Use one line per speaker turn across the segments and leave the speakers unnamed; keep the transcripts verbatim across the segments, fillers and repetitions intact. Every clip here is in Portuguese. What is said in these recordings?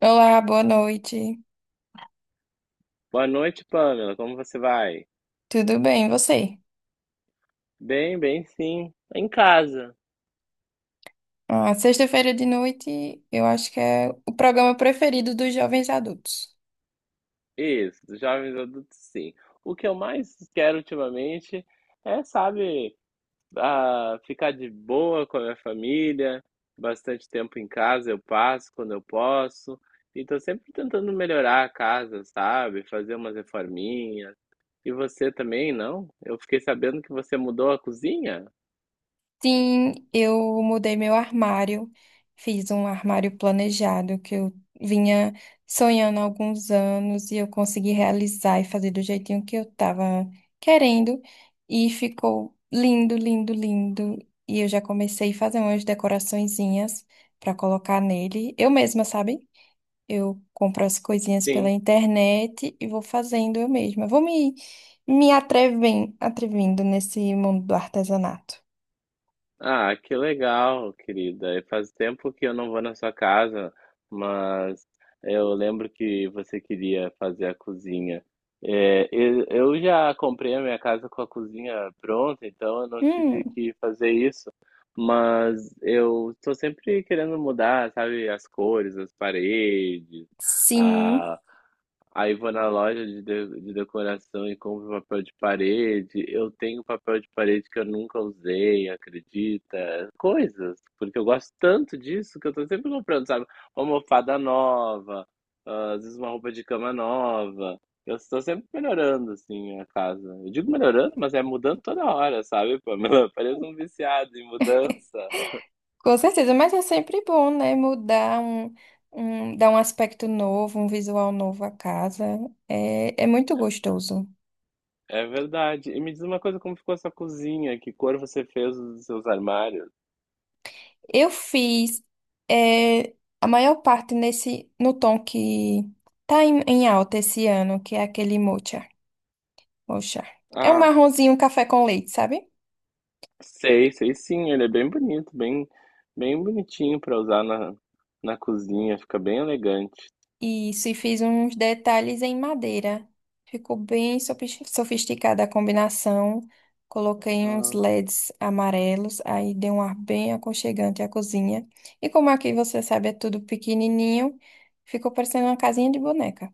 Olá, boa noite.
Boa noite, Pamela. Como você vai?
Tudo bem, e você?
Bem, bem, sim. Em casa.
Ah, sexta-feira de noite, eu acho que é o programa preferido dos jovens adultos.
Isso, jovens adultos, sim. O que eu mais quero ultimamente é, sabe, ah, ficar de boa com a minha família. Bastante tempo em casa eu passo quando eu posso. E tô sempre tentando melhorar a casa, sabe? Fazer umas reforminhas. E você também, não? Eu fiquei sabendo que você mudou a cozinha?
Sim, eu mudei meu armário, fiz um armário planejado que eu vinha sonhando há alguns anos e eu consegui realizar e fazer do jeitinho que eu estava querendo e ficou lindo, lindo, lindo. E eu já comecei a fazer umas decoraçõezinhas para colocar nele, eu mesma, sabe? Eu compro as coisinhas pela
Sim.
internet e vou fazendo eu mesma. Vou me, me atreven- atrevindo nesse mundo do artesanato.
Ah, que legal, querida. E faz tempo que eu não vou na sua casa, mas eu lembro que você queria fazer a cozinha. É, eu eu já comprei a minha casa com a cozinha pronta, então eu não tive
Hum,
que fazer isso. Mas eu estou sempre querendo mudar, sabe, as cores, as paredes.
sim,
Aí vou na loja de, de, de decoração e compro papel de parede. Eu tenho papel de parede que eu nunca usei, acredita? Coisas, porque eu gosto tanto disso que eu tô sempre comprando, sabe? Uma almofada nova, ah, às vezes uma roupa de cama nova. Eu estou sempre melhorando, assim, a casa. Eu digo melhorando, mas é mudando toda hora, sabe, Pamela? Parece um viciado em mudança.
com certeza. Mas é sempre bom, né? Mudar um, um, dar um aspecto novo, um visual novo à casa. É, é muito gostoso.
É verdade. E me diz uma coisa, como ficou a sua cozinha? Que cor você fez os seus armários?
Eu fiz é, a maior parte nesse no tom que tá em, em alta esse ano, que é aquele mocha. Mocha. É um
Ah,
marronzinho, um café com leite, sabe?
sei, sei sim, ele é bem bonito, bem, bem bonitinho pra usar na, na cozinha, fica bem elegante.
Isso, e fiz uns detalhes em madeira. Ficou bem sofis- sofisticada a combinação. Coloquei uns
Ah,
L E Ds amarelos, aí deu um ar bem aconchegante à cozinha. E como aqui você sabe, é tudo pequenininho, ficou parecendo uma casinha de boneca.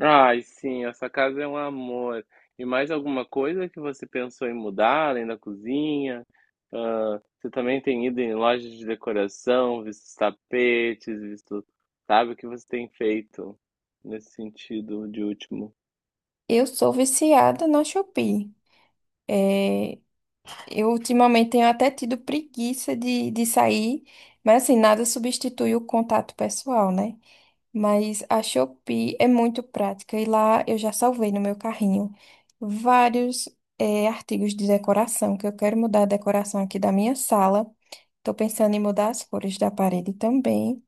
ai, sim, essa casa é um amor. E mais alguma coisa que você pensou em mudar além da cozinha? Ah, você também tem ido em lojas de decoração, visto os tapetes, visto, sabe, o que você tem feito nesse sentido de último?
Eu sou viciada na Shopee. É, eu ultimamente tenho até tido preguiça de, de sair, mas assim, nada substitui o contato pessoal, né? Mas a Shopee é muito prática e lá eu já salvei no meu carrinho vários eh, artigos de decoração, que eu quero mudar a decoração aqui da minha sala. Estou pensando em mudar as cores da parede também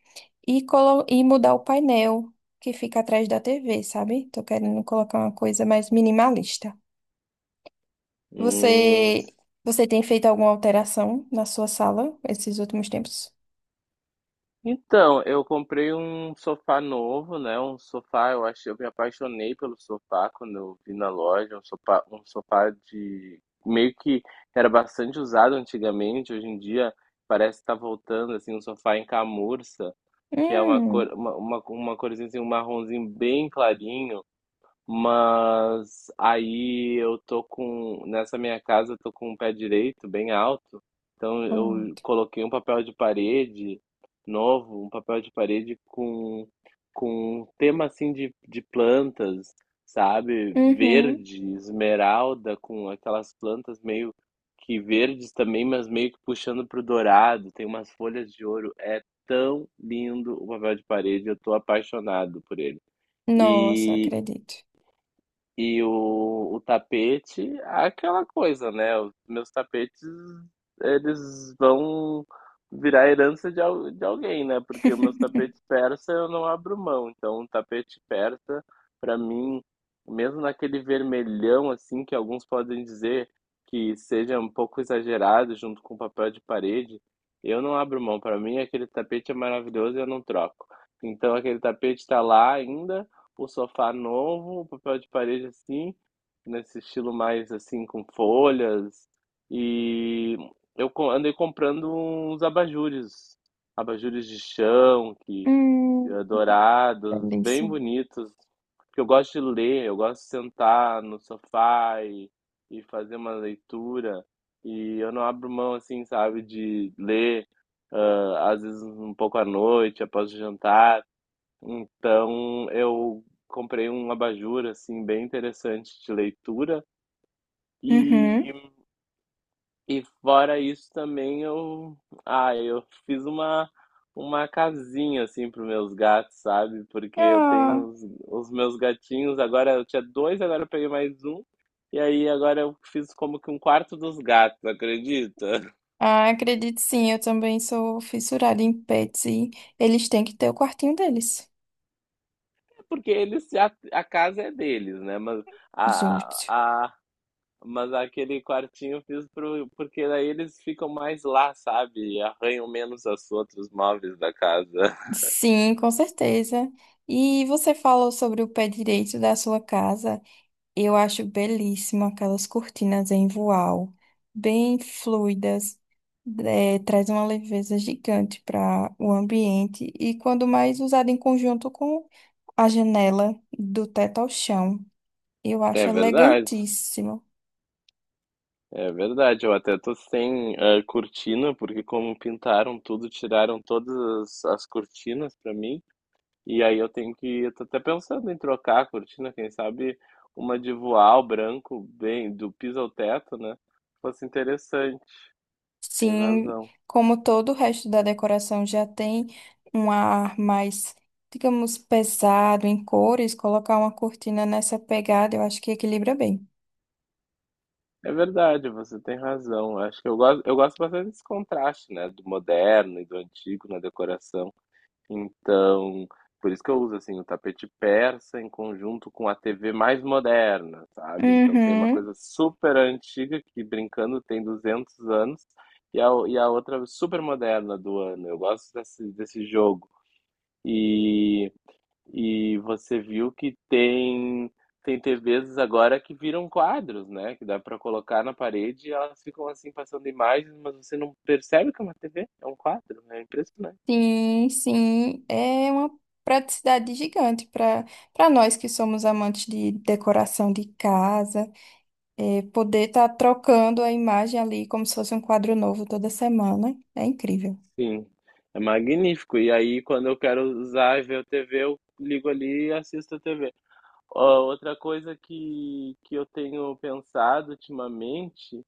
e, colo- e mudar o painel que fica atrás da T V, sabe? Estou querendo colocar uma coisa mais minimalista.
Hum.
Você, você tem feito alguma alteração na sua sala esses últimos tempos?
Então, eu comprei um sofá novo, né? Um sofá, eu acho, eu me apaixonei pelo sofá quando eu vi na loja, um sofá, um sofá de meio que era bastante usado antigamente, hoje em dia parece estar voltando assim, um sofá em camurça, que é uma
Hum,
cor, uma, uma, uma corzinha assim, um marronzinho bem clarinho. Mas aí eu tô com, nessa minha casa eu tô com um pé direito bem alto, então eu
pronto.
coloquei um papel de parede novo, um papel de parede com, com um tema assim de, de plantas, sabe?
Uhum.
Verde, esmeralda, com aquelas plantas meio que verdes também, mas meio que puxando pro dourado, tem umas folhas de ouro. É tão lindo o papel de parede, eu tô apaixonado por ele.
Nossa,
E,
acredito.
e o, o tapete, é aquela coisa, né? Os meus tapetes, eles vão virar herança de, al- de alguém, né? Porque os meus tapetes persa eu não abro mão. Então, um tapete persa, pra mim, mesmo naquele vermelhão, assim, que alguns podem dizer que seja um pouco exagerado junto com papel de parede, eu não abro mão. Pra mim, aquele tapete é maravilhoso e eu não troco. Então, aquele tapete tá lá ainda, um sofá novo, um papel de parede assim, nesse estilo mais assim com folhas. E eu co- andei comprando uns abajures, abajures de chão, que
Hum,
eh, dourados, bem
delícia.
bonitos, porque eu gosto de ler, eu gosto de sentar no sofá e, e fazer uma leitura. E eu não abro mão assim, sabe, de ler, ah, às vezes um pouco à noite, após o jantar. Então eu comprei um abajur assim bem interessante de leitura
Uhum.
e, e fora isso também eu ah, eu fiz uma uma casinha assim para os meus gatos, sabe? Porque eu
Ah,
tenho os, os meus gatinhos, agora eu tinha dois, agora eu peguei mais um. E aí agora eu fiz como que um quarto dos gatos, acredita?
ah, acredite sim, eu também sou fissurada em pets e eles têm que ter o quartinho deles.
Porque eles se a, a casa é deles, né? Mas a,
Justo.
a Mas aquele quartinho eu fiz pro, porque daí eles ficam mais lá, sabe? E arranham menos os outros móveis da casa.
Sim, com certeza. E você falou sobre o pé direito da sua casa. Eu acho belíssimo aquelas cortinas em voal, bem fluidas. É, traz uma leveza gigante para o ambiente e quando mais usada em conjunto com a janela do teto ao chão. Eu
É
acho
verdade,
elegantíssimo.
é verdade. Eu até tô sem eh, cortina, porque como pintaram tudo, tiraram todas as, as cortinas pra mim. E aí eu tenho que, eu tô até pensando em trocar a cortina, quem sabe uma de voal branco, bem, do piso ao teto, né? Fosse interessante, tem
Sim,
razão.
como todo o resto da decoração já tem um ar mais, digamos, pesado em cores, colocar uma cortina nessa pegada, eu acho que equilibra bem.
É verdade, você tem razão. Acho que eu gosto, eu gosto bastante desse contraste, né, do moderno e do antigo na decoração. Então, por isso que eu uso assim o tapete persa em conjunto com a T V mais moderna, sabe? Então tem uma
Uhum.
coisa super antiga que brincando tem duzentos anos e a, o- e a outra super moderna do ano. Eu gosto desse, desse jogo. E e você viu que tem tem T Vs agora que viram quadros, né, que dá para colocar na parede e elas ficam, assim, passando imagens, mas você não percebe que é uma T V, é um quadro, né? É impressionante.
Sim, sim, é uma praticidade gigante para para nós que somos amantes de decoração de casa, é, poder estar trocando a imagem ali como se fosse um quadro novo toda semana, é incrível.
Sim, é magnífico. E aí quando eu quero usar e ver a T V, eu ligo ali e assisto a T V. Ó, outra coisa que que eu tenho pensado ultimamente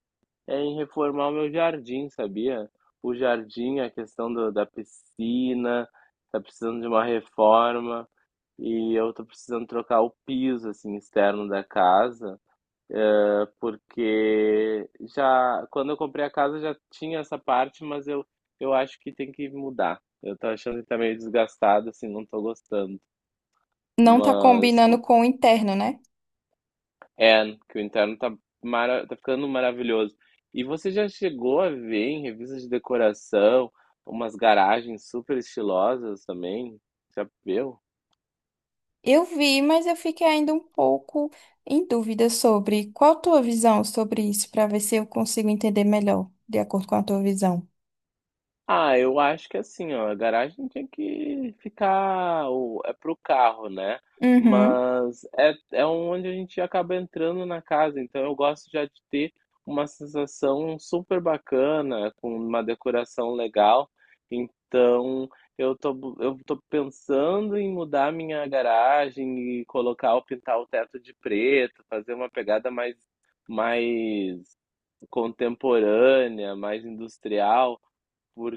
é em reformar o meu jardim, sabia? O jardim, a questão do- da piscina, tá precisando de uma reforma e eu tô precisando trocar o piso assim externo da casa, eh, porque já quando eu comprei a casa já tinha essa parte, mas eu eu acho que tem que mudar. Eu tô achando que tá meio desgastado, assim, não tô gostando.
Não tá
Mas
combinando com o interno, né?
é, que o interno tá, mara tá ficando maravilhoso. E você já chegou a ver em revistas de decoração umas garagens super estilosas também? Já viu?
Eu vi, mas eu fiquei ainda um pouco em dúvida sobre qual a tua visão sobre isso, para ver se eu consigo entender melhor, de acordo com a tua visão.
Ah, eu acho que assim, ó, a garagem tinha que ficar, o- é pro carro, né?
Uhum.
Mas é, é onde a gente acaba entrando na casa, então eu gosto já de ter uma sensação super bacana, com uma decoração legal. Então, eu tô, bu- eu tô pensando em mudar minha garagem e colocar, pintar o teto de preto, fazer uma pegada mais, mais contemporânea, mais industrial.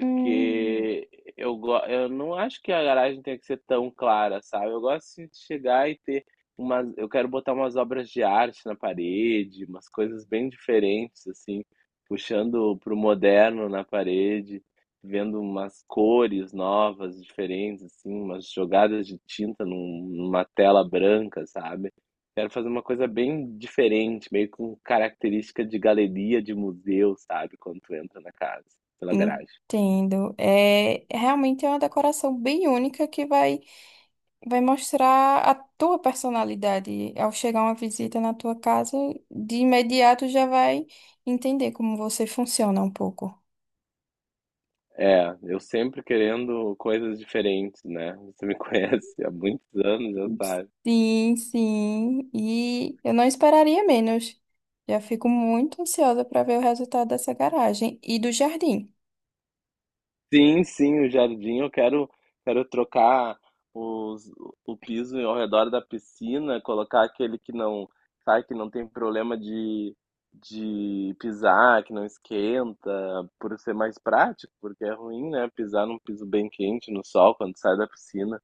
Hum.
eu, go- eu não acho que a garagem tenha que ser tão clara, sabe? Eu gosto assim, de chegar e ter umas. Eu quero botar umas obras de arte na parede, umas coisas bem diferentes, assim, puxando pro moderno na parede, vendo umas cores novas, diferentes, assim, umas jogadas de tinta num- numa tela branca, sabe? Quero fazer uma coisa bem diferente, meio com característica de galeria, de museu, sabe? Quando tu entra na casa, pela garagem.
Entendo. É, realmente é uma decoração bem única que vai, vai mostrar a tua personalidade. Ao chegar uma visita na tua casa, de imediato já vai entender como você funciona um pouco.
É, eu sempre querendo coisas diferentes, né? Você me conhece há muitos anos, já sabe.
Sim, sim. E eu não esperaria menos. Já fico muito ansiosa para ver o resultado dessa garagem e do jardim.
Sim, sim, o jardim, eu quero, quero trocar os, o piso ao redor da piscina, colocar aquele que não, sabe, que não tem problema de, de pisar, que não esquenta, por ser mais prático, porque é ruim, né? Pisar num piso bem quente no sol quando sai da piscina.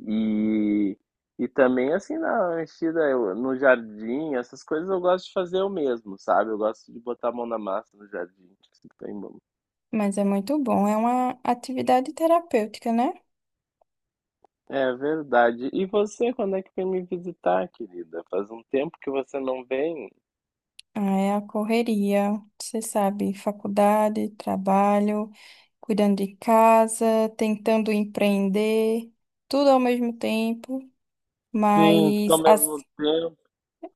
E, e também, assim, na mexida, eu- no jardim, essas coisas eu gosto de fazer eu mesmo, sabe? Eu gosto de botar a mão na massa no jardim, assim, tem mão.
Mas é muito bom, é uma atividade terapêutica, né?
É verdade. E você, quando é que vem me visitar, querida? Faz um tempo que você não vem.
Ah, é a correria, você sabe, faculdade, trabalho, cuidando de casa, tentando empreender, tudo ao mesmo tempo.
Sim, tudo
Mas
ao
as
mesmo tempo.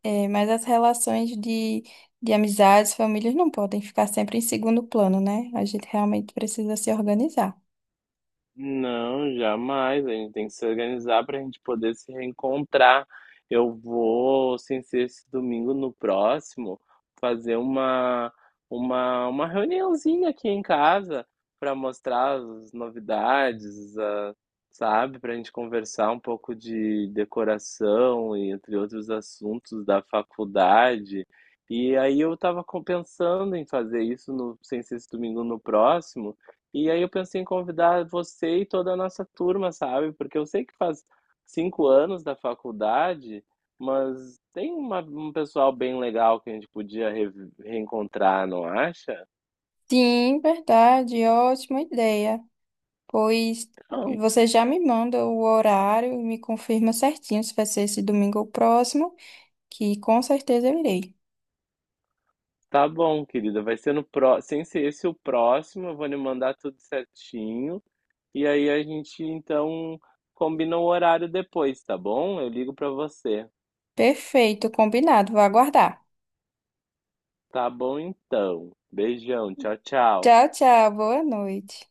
É, mas as relações de, de amizades, famílias não podem ficar sempre em segundo plano, né? A gente realmente precisa se organizar.
Não, jamais. A gente tem que se organizar para a gente poder se reencontrar. Eu vou, sem ser esse domingo, no próximo, fazer uma, uma, uma reuniãozinha aqui em casa para mostrar as novidades, a- sabe? Para a gente conversar um pouco de decoração e entre outros assuntos da faculdade. E aí eu estava pensando em fazer isso no, sem ser esse domingo, no próximo. E aí eu pensei em convidar você e toda a nossa turma, sabe? Porque eu sei que faz cinco anos da faculdade, mas tem uma- um pessoal bem legal que a gente podia re- reencontrar, não acha?
Sim, verdade, ótima ideia. Pois
Não.
você já me manda o horário e me confirma certinho se vai ser esse domingo ou próximo, que com certeza eu irei.
Tá bom, querida. Vai ser no pró, sem ser esse o próximo, eu vou lhe mandar tudo certinho. E aí a gente então combina o horário depois, tá bom? Eu ligo pra você.
Perfeito, combinado, vou aguardar.
Tá bom então. Beijão, tchau, tchau.
Tchau, tchau, boa noite.